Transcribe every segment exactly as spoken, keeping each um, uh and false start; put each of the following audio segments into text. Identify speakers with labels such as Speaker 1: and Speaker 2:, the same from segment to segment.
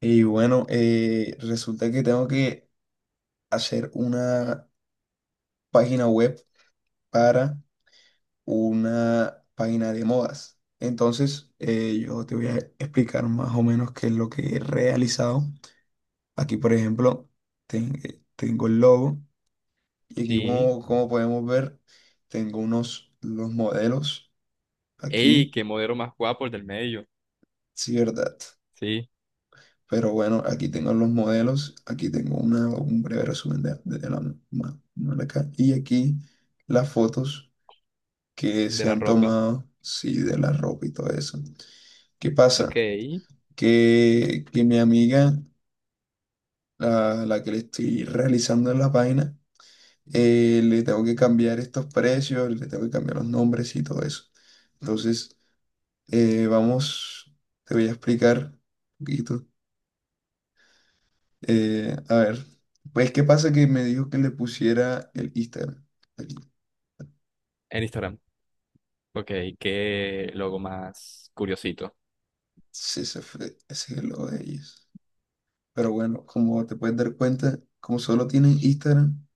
Speaker 1: Y bueno, eh, resulta que tengo que hacer una página web para una página de modas. Entonces, eh, yo te voy a explicar más o menos qué es lo que he realizado. Aquí, por ejemplo, ten- eh, tengo el logo y aquí,
Speaker 2: Sí.
Speaker 1: como, como podemos ver, tengo unos los modelos
Speaker 2: Ey,
Speaker 1: aquí,
Speaker 2: qué modelo más guapo el del medio.
Speaker 1: sí, ¿verdad?
Speaker 2: Sí,
Speaker 1: Pero bueno, aquí tengo los modelos, aquí tengo una, un breve resumen de, de la ma- marca y aquí las fotos que
Speaker 2: de
Speaker 1: se
Speaker 2: la
Speaker 1: han
Speaker 2: ropa.
Speaker 1: tomado, sí, de la ropa y todo eso. ¿Qué
Speaker 2: Ok.
Speaker 1: pasa?
Speaker 2: En
Speaker 1: Que, que mi amiga, la, la que le estoy realizando la página, eh, le tengo que cambiar estos precios, le tengo que cambiar los nombres y todo eso. Entonces, eh, vamos, te voy a explicar un poquito. Eh, a ver, pues qué pasa que me dijo que le pusiera el Instagram. Aquí.
Speaker 2: Instagram. Ok, qué logo más curiosito.
Speaker 1: Sí, ese fue- ese es el logo de ellos. Pero bueno, como te puedes dar cuenta, como solo tienen Instagram,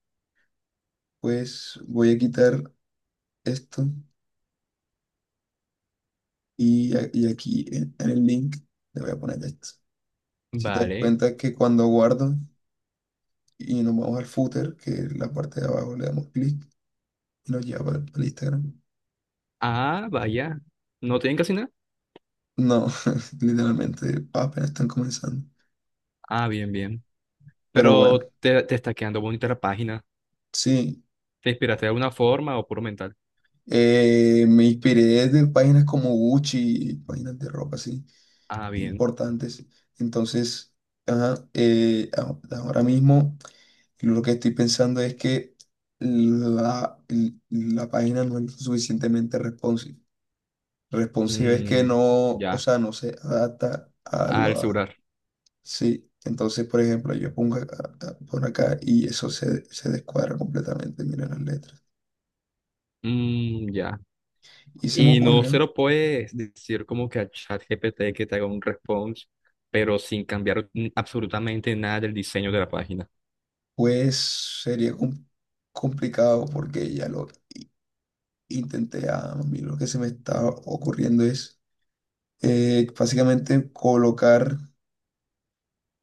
Speaker 1: pues voy a quitar esto y, a- y aquí en, en el link le voy a poner esto. Si te das
Speaker 2: Vale.
Speaker 1: cuenta que cuando guardo y nos vamos al footer, que es la parte de abajo, le damos clic y nos lleva al al Instagram.
Speaker 2: Ah, vaya. ¿No tienen casi nada?
Speaker 1: No, literalmente apenas están comenzando.
Speaker 2: Ah, bien, bien.
Speaker 1: Pero bueno,
Speaker 2: Pero te, te está quedando bonita la página.
Speaker 1: sí.
Speaker 2: ¿Te inspiraste de alguna forma o puro mental?
Speaker 1: Eh, me inspiré de páginas como Gucci, páginas de ropa así,
Speaker 2: Ah, bien.
Speaker 1: importantes. Entonces, ajá, eh, a- ahora mismo lo que estoy pensando es que la, la página no es suficientemente responsive. Responsive es que
Speaker 2: Mm,
Speaker 1: no, o
Speaker 2: ya.
Speaker 1: sea, no se adapta a
Speaker 2: Al
Speaker 1: lo.
Speaker 2: celular.
Speaker 1: Sí, entonces, por ejemplo, yo pongo acá- por acá y eso se, se descuadra completamente, mira las letras.
Speaker 2: Mm, ya.
Speaker 1: Y se me
Speaker 2: Y no se
Speaker 1: ocurrió.
Speaker 2: lo puedes decir como que a ChatGPT que te haga un response, pero sin cambiar n- absolutamente nada del diseño de la página.
Speaker 1: Pues sería com- complicado porque ya lo intenté. A mí lo que se me está ocurriendo es eh, básicamente colocar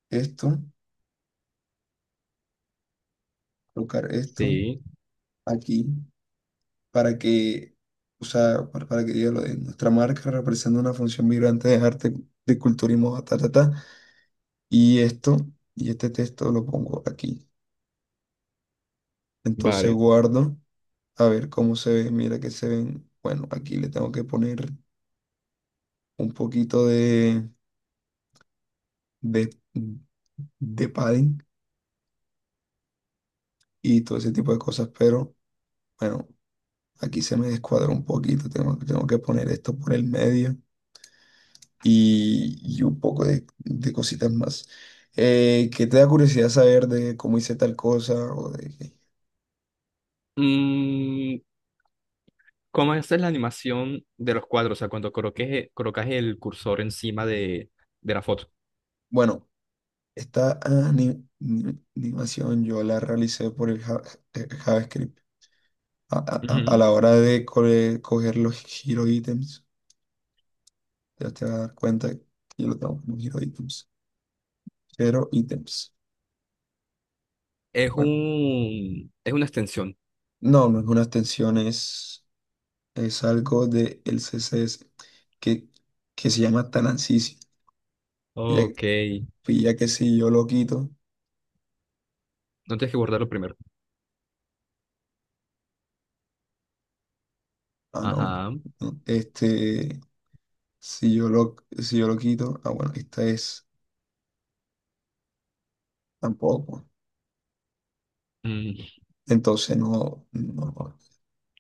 Speaker 1: esto, colocar esto
Speaker 2: Sí,
Speaker 1: aquí para que, o sea, para, para que diga lo de nuestra marca representa una función vibrante de arte, de culturismo, ta, ta, ta. Y esto, y este texto lo pongo aquí. Entonces
Speaker 2: vale.
Speaker 1: guardo, a ver cómo se ve. Mira que se ven. Bueno, aquí le tengo que poner un poquito de. de, de padding y todo ese tipo de cosas, pero bueno, aquí se me descuadró un poquito, tengo, tengo que poner esto por el medio y, y un poco de, de cositas más. Eh, ¿qué te da curiosidad saber de cómo hice tal cosa? ¿O de, qué?
Speaker 2: Mm, ¿Cómo haces la animación de los cuadros? O sea, cuando coloques, colocas el cursor encima de, de la foto.
Speaker 1: Bueno, esta ani- ni- animación yo la realicé por el Ja- eh, JavaScript. A- a- a- a
Speaker 2: Ujú.
Speaker 1: la hora de co- coger los hero items, ya te vas a dar cuenta que yo lo tengo como hero items, pero items.
Speaker 2: Es
Speaker 1: Bueno,
Speaker 2: un, es una extensión.
Speaker 1: no, no es una extensión, es, es algo del C C S que, que se llama Tanansisi. Ya,
Speaker 2: Ok.
Speaker 1: pues ya que si yo lo quito,
Speaker 2: No tienes que guardarlo primero.
Speaker 1: ah, no,
Speaker 2: Ajá.
Speaker 1: no, este, si yo lo, si yo lo quito, ah, bueno, esta es tampoco.
Speaker 2: Mm,
Speaker 1: Entonces no, no,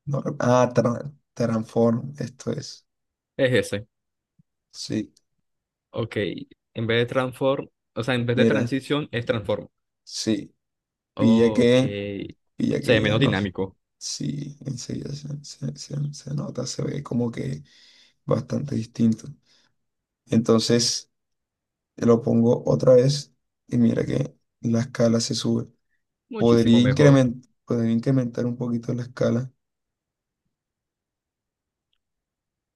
Speaker 1: no, ah, tra- transform, esto es,
Speaker 2: es ese.
Speaker 1: sí,
Speaker 2: Ok. En vez de transform, o sea, en vez de
Speaker 1: mira,
Speaker 2: transición, es transform.
Speaker 1: sí, pilla
Speaker 2: Ok.
Speaker 1: que, pilla
Speaker 2: Se
Speaker 1: que
Speaker 2: ve
Speaker 1: ya
Speaker 2: menos
Speaker 1: no,
Speaker 2: dinámico.
Speaker 1: sí, enseguida se, se se- se nota, se ve como que bastante distinto. Entonces lo pongo otra vez y mira que la escala se sube. Podría
Speaker 2: Muchísimo mejor.
Speaker 1: incrementar, podría incrementar un poquito la escala,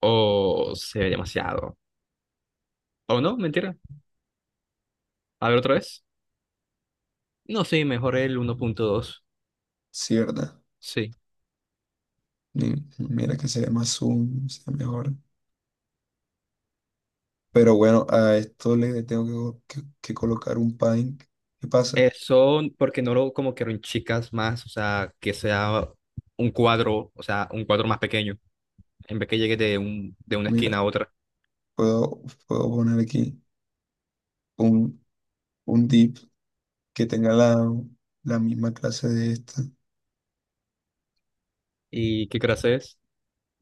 Speaker 2: O se ve demasiado. O no, mentira. A ver otra vez. No, sí, mejor el uno punto dos.
Speaker 1: ¿cierto?
Speaker 2: Sí.
Speaker 1: Y mira que se ve más zoom, se ve mejor. Pero bueno, a esto le tengo que, que- que colocar un padding. ¿Qué pasa?
Speaker 2: Eso porque no lo como que en chicas más, o sea, que sea un cuadro, o sea, un cuadro más pequeño, en vez que llegue de un, de una
Speaker 1: Mira,
Speaker 2: esquina a otra.
Speaker 1: puedo, puedo poner aquí un, un div que tenga la, la misma clase de esta,
Speaker 2: ¿Y qué clase es?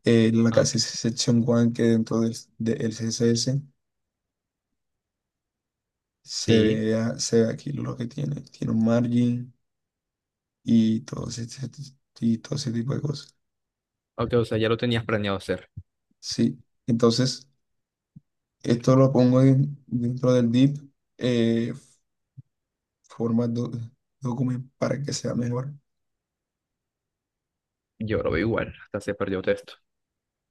Speaker 1: eh, la
Speaker 2: Ah,
Speaker 1: clase
Speaker 2: ok.
Speaker 1: section one que dentro del, del C S S. Se
Speaker 2: Sí.
Speaker 1: ve, a- se ve aquí lo que tiene. Tiene un margin y todo ese, y todo ese tipo de cosas.
Speaker 2: Ok, o sea, ya lo tenías planeado hacer.
Speaker 1: Sí. Entonces, esto lo pongo en- dentro del div, eh, forma do- document para que sea mejor.
Speaker 2: Yo lo veo igual, hasta se perdió texto.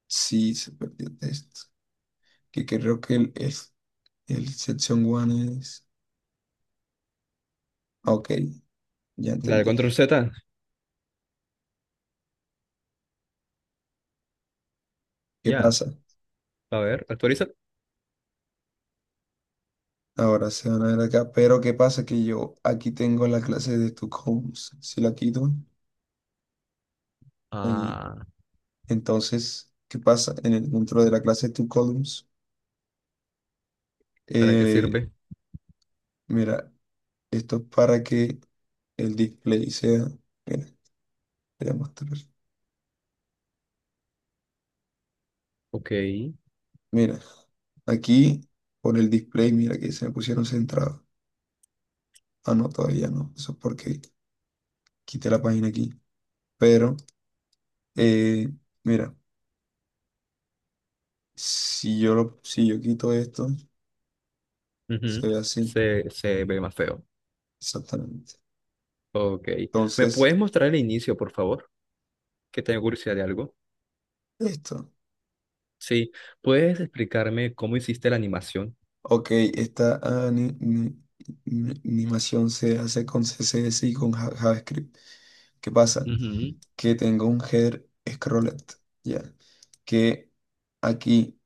Speaker 1: Sí, se perdió el texto. Que creo que el, es, el section one es. Ok, ya
Speaker 2: Dale
Speaker 1: entendí.
Speaker 2: control Z.
Speaker 1: ¿Qué
Speaker 2: Ya,
Speaker 1: pasa?
Speaker 2: a ver, actualiza.
Speaker 1: Ahora se van a ver acá. Pero ¿qué pasa? Que yo aquí tengo la clase de Stockholm. Si la quito, ahí.
Speaker 2: Ah.
Speaker 1: Entonces, ¿qué pasa? En el, dentro de la clase toColumns,
Speaker 2: ¿Para qué
Speaker 1: eh,
Speaker 2: sirve?
Speaker 1: mira, esto es para que el display sea. Mira, te voy a mostrar.
Speaker 2: Ok.
Speaker 1: Mira, aquí por el display, mira que se me pusieron centrado. Ah, no, todavía no. Eso es porque quité la página aquí. Pero, eh, mira, si yo, lo, si yo quito esto, se
Speaker 2: Ujú,
Speaker 1: ve así,
Speaker 2: Se, se ve más feo.
Speaker 1: exactamente.
Speaker 2: Ok. ¿Me
Speaker 1: Entonces,
Speaker 2: puedes mostrar el inicio, por favor? Que tengo curiosidad de algo.
Speaker 1: esto.
Speaker 2: Sí. ¿Puedes explicarme cómo hiciste la animación?
Speaker 1: Ok, esta ani- ni- ni- animación se hace con C S S y con Ja- JavaScript. ¿Qué pasa?
Speaker 2: Ujú.
Speaker 1: Que tengo un header scrolled, ¿ya? Que aquí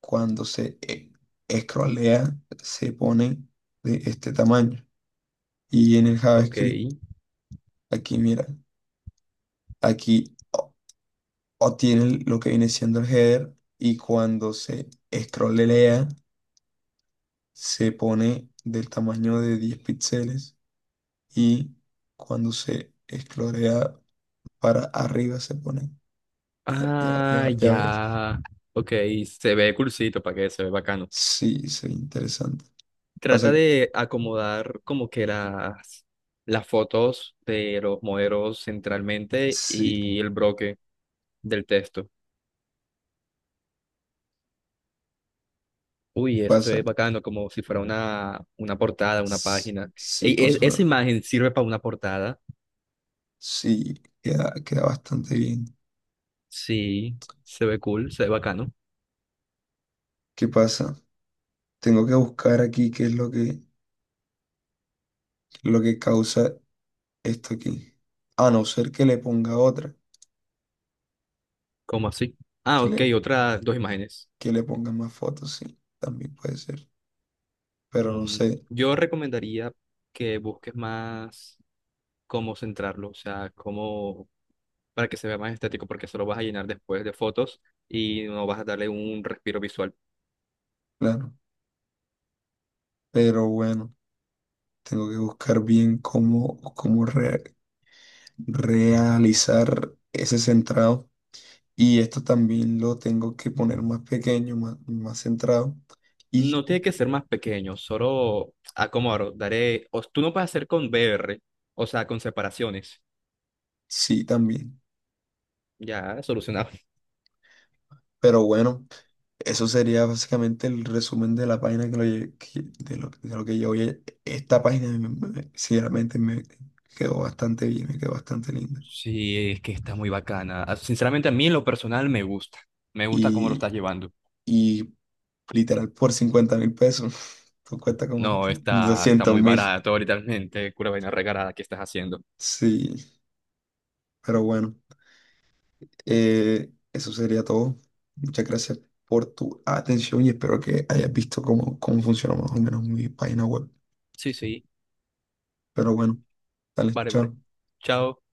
Speaker 1: cuando se e- scrollea se pone de este tamaño. Y en el
Speaker 2: Ok.
Speaker 1: JavaScript, aquí mira, aquí o- obtiene lo que viene siendo el header y cuando se scrollea se pone del tamaño de diez píxeles. Y cuando se esclorea para arriba se pone. Ya, ya,
Speaker 2: Ah,
Speaker 1: ya, ya ves.
Speaker 2: ya. Ok. Se ve cursito, para que se ve bacano.
Speaker 1: Sí, se ve interesante. Pasa,
Speaker 2: Trata
Speaker 1: que-
Speaker 2: de acomodar como que las, las fotos de los modelos centralmente
Speaker 1: sí,
Speaker 2: y el bloque del texto. Uy, eso se ve
Speaker 1: pasa.
Speaker 2: bacano, como si fuera una, una portada, una
Speaker 1: s-
Speaker 2: página. Ey,
Speaker 1: Sí, como
Speaker 2: e-
Speaker 1: si
Speaker 2: esa
Speaker 1: fuera.
Speaker 2: imagen sirve para una portada.
Speaker 1: Sí, queda, queda bastante bien.
Speaker 2: Sí, se ve cool, se ve bacano.
Speaker 1: ¿Qué pasa? Tengo que buscar aquí qué es lo que, lo que causa esto aquí. A no ser que le ponga otra.
Speaker 2: ¿Cómo así? Ah,
Speaker 1: Que
Speaker 2: ok,
Speaker 1: le,
Speaker 2: otras dos imágenes.
Speaker 1: que le ponga más fotos, sí. También puede ser. Pero no
Speaker 2: Mm,
Speaker 1: sé,
Speaker 2: yo recomendaría que busques más cómo centrarlo, o sea, cómo para que se vea más estético, porque eso lo vas a llenar después de fotos y no vas a darle un respiro visual.
Speaker 1: claro. Pero bueno. Tengo que buscar bien cómo, cómo re- realizar ese centrado. Y esto también lo tengo que poner más pequeño, más, más centrado. Y
Speaker 2: No tiene que ser más pequeño, solo acomodaré. Daré, o tú no puedes hacer con B R, o sea, con separaciones.
Speaker 1: sí, también.
Speaker 2: Ya, solucionado.
Speaker 1: Pero bueno, eso sería básicamente el resumen de la página que lo, lle- que- de lo, de lo que yo oye. Esta página, me- me- sinceramente, me quedó bastante bien, me quedó bastante linda.
Speaker 2: Sí, es que está muy bacana. Ah, sinceramente, a mí en lo personal me gusta. Me gusta cómo lo
Speaker 1: Y,
Speaker 2: estás llevando.
Speaker 1: y literal, por cincuenta mil pesos, tú cuesta como
Speaker 2: No, está, está
Speaker 1: doscientos
Speaker 2: muy
Speaker 1: mil.
Speaker 2: barato literalmente. Cura vaina regalada que estás haciendo.
Speaker 1: Sí. Pero bueno, eh, eso sería todo. Muchas gracias por tu atención y espero que hayas visto cómo, cómo funciona más o menos mi página web.
Speaker 2: Sí, sí.
Speaker 1: Pero bueno, dale,
Speaker 2: Vale, vale.
Speaker 1: chao.
Speaker 2: Chao.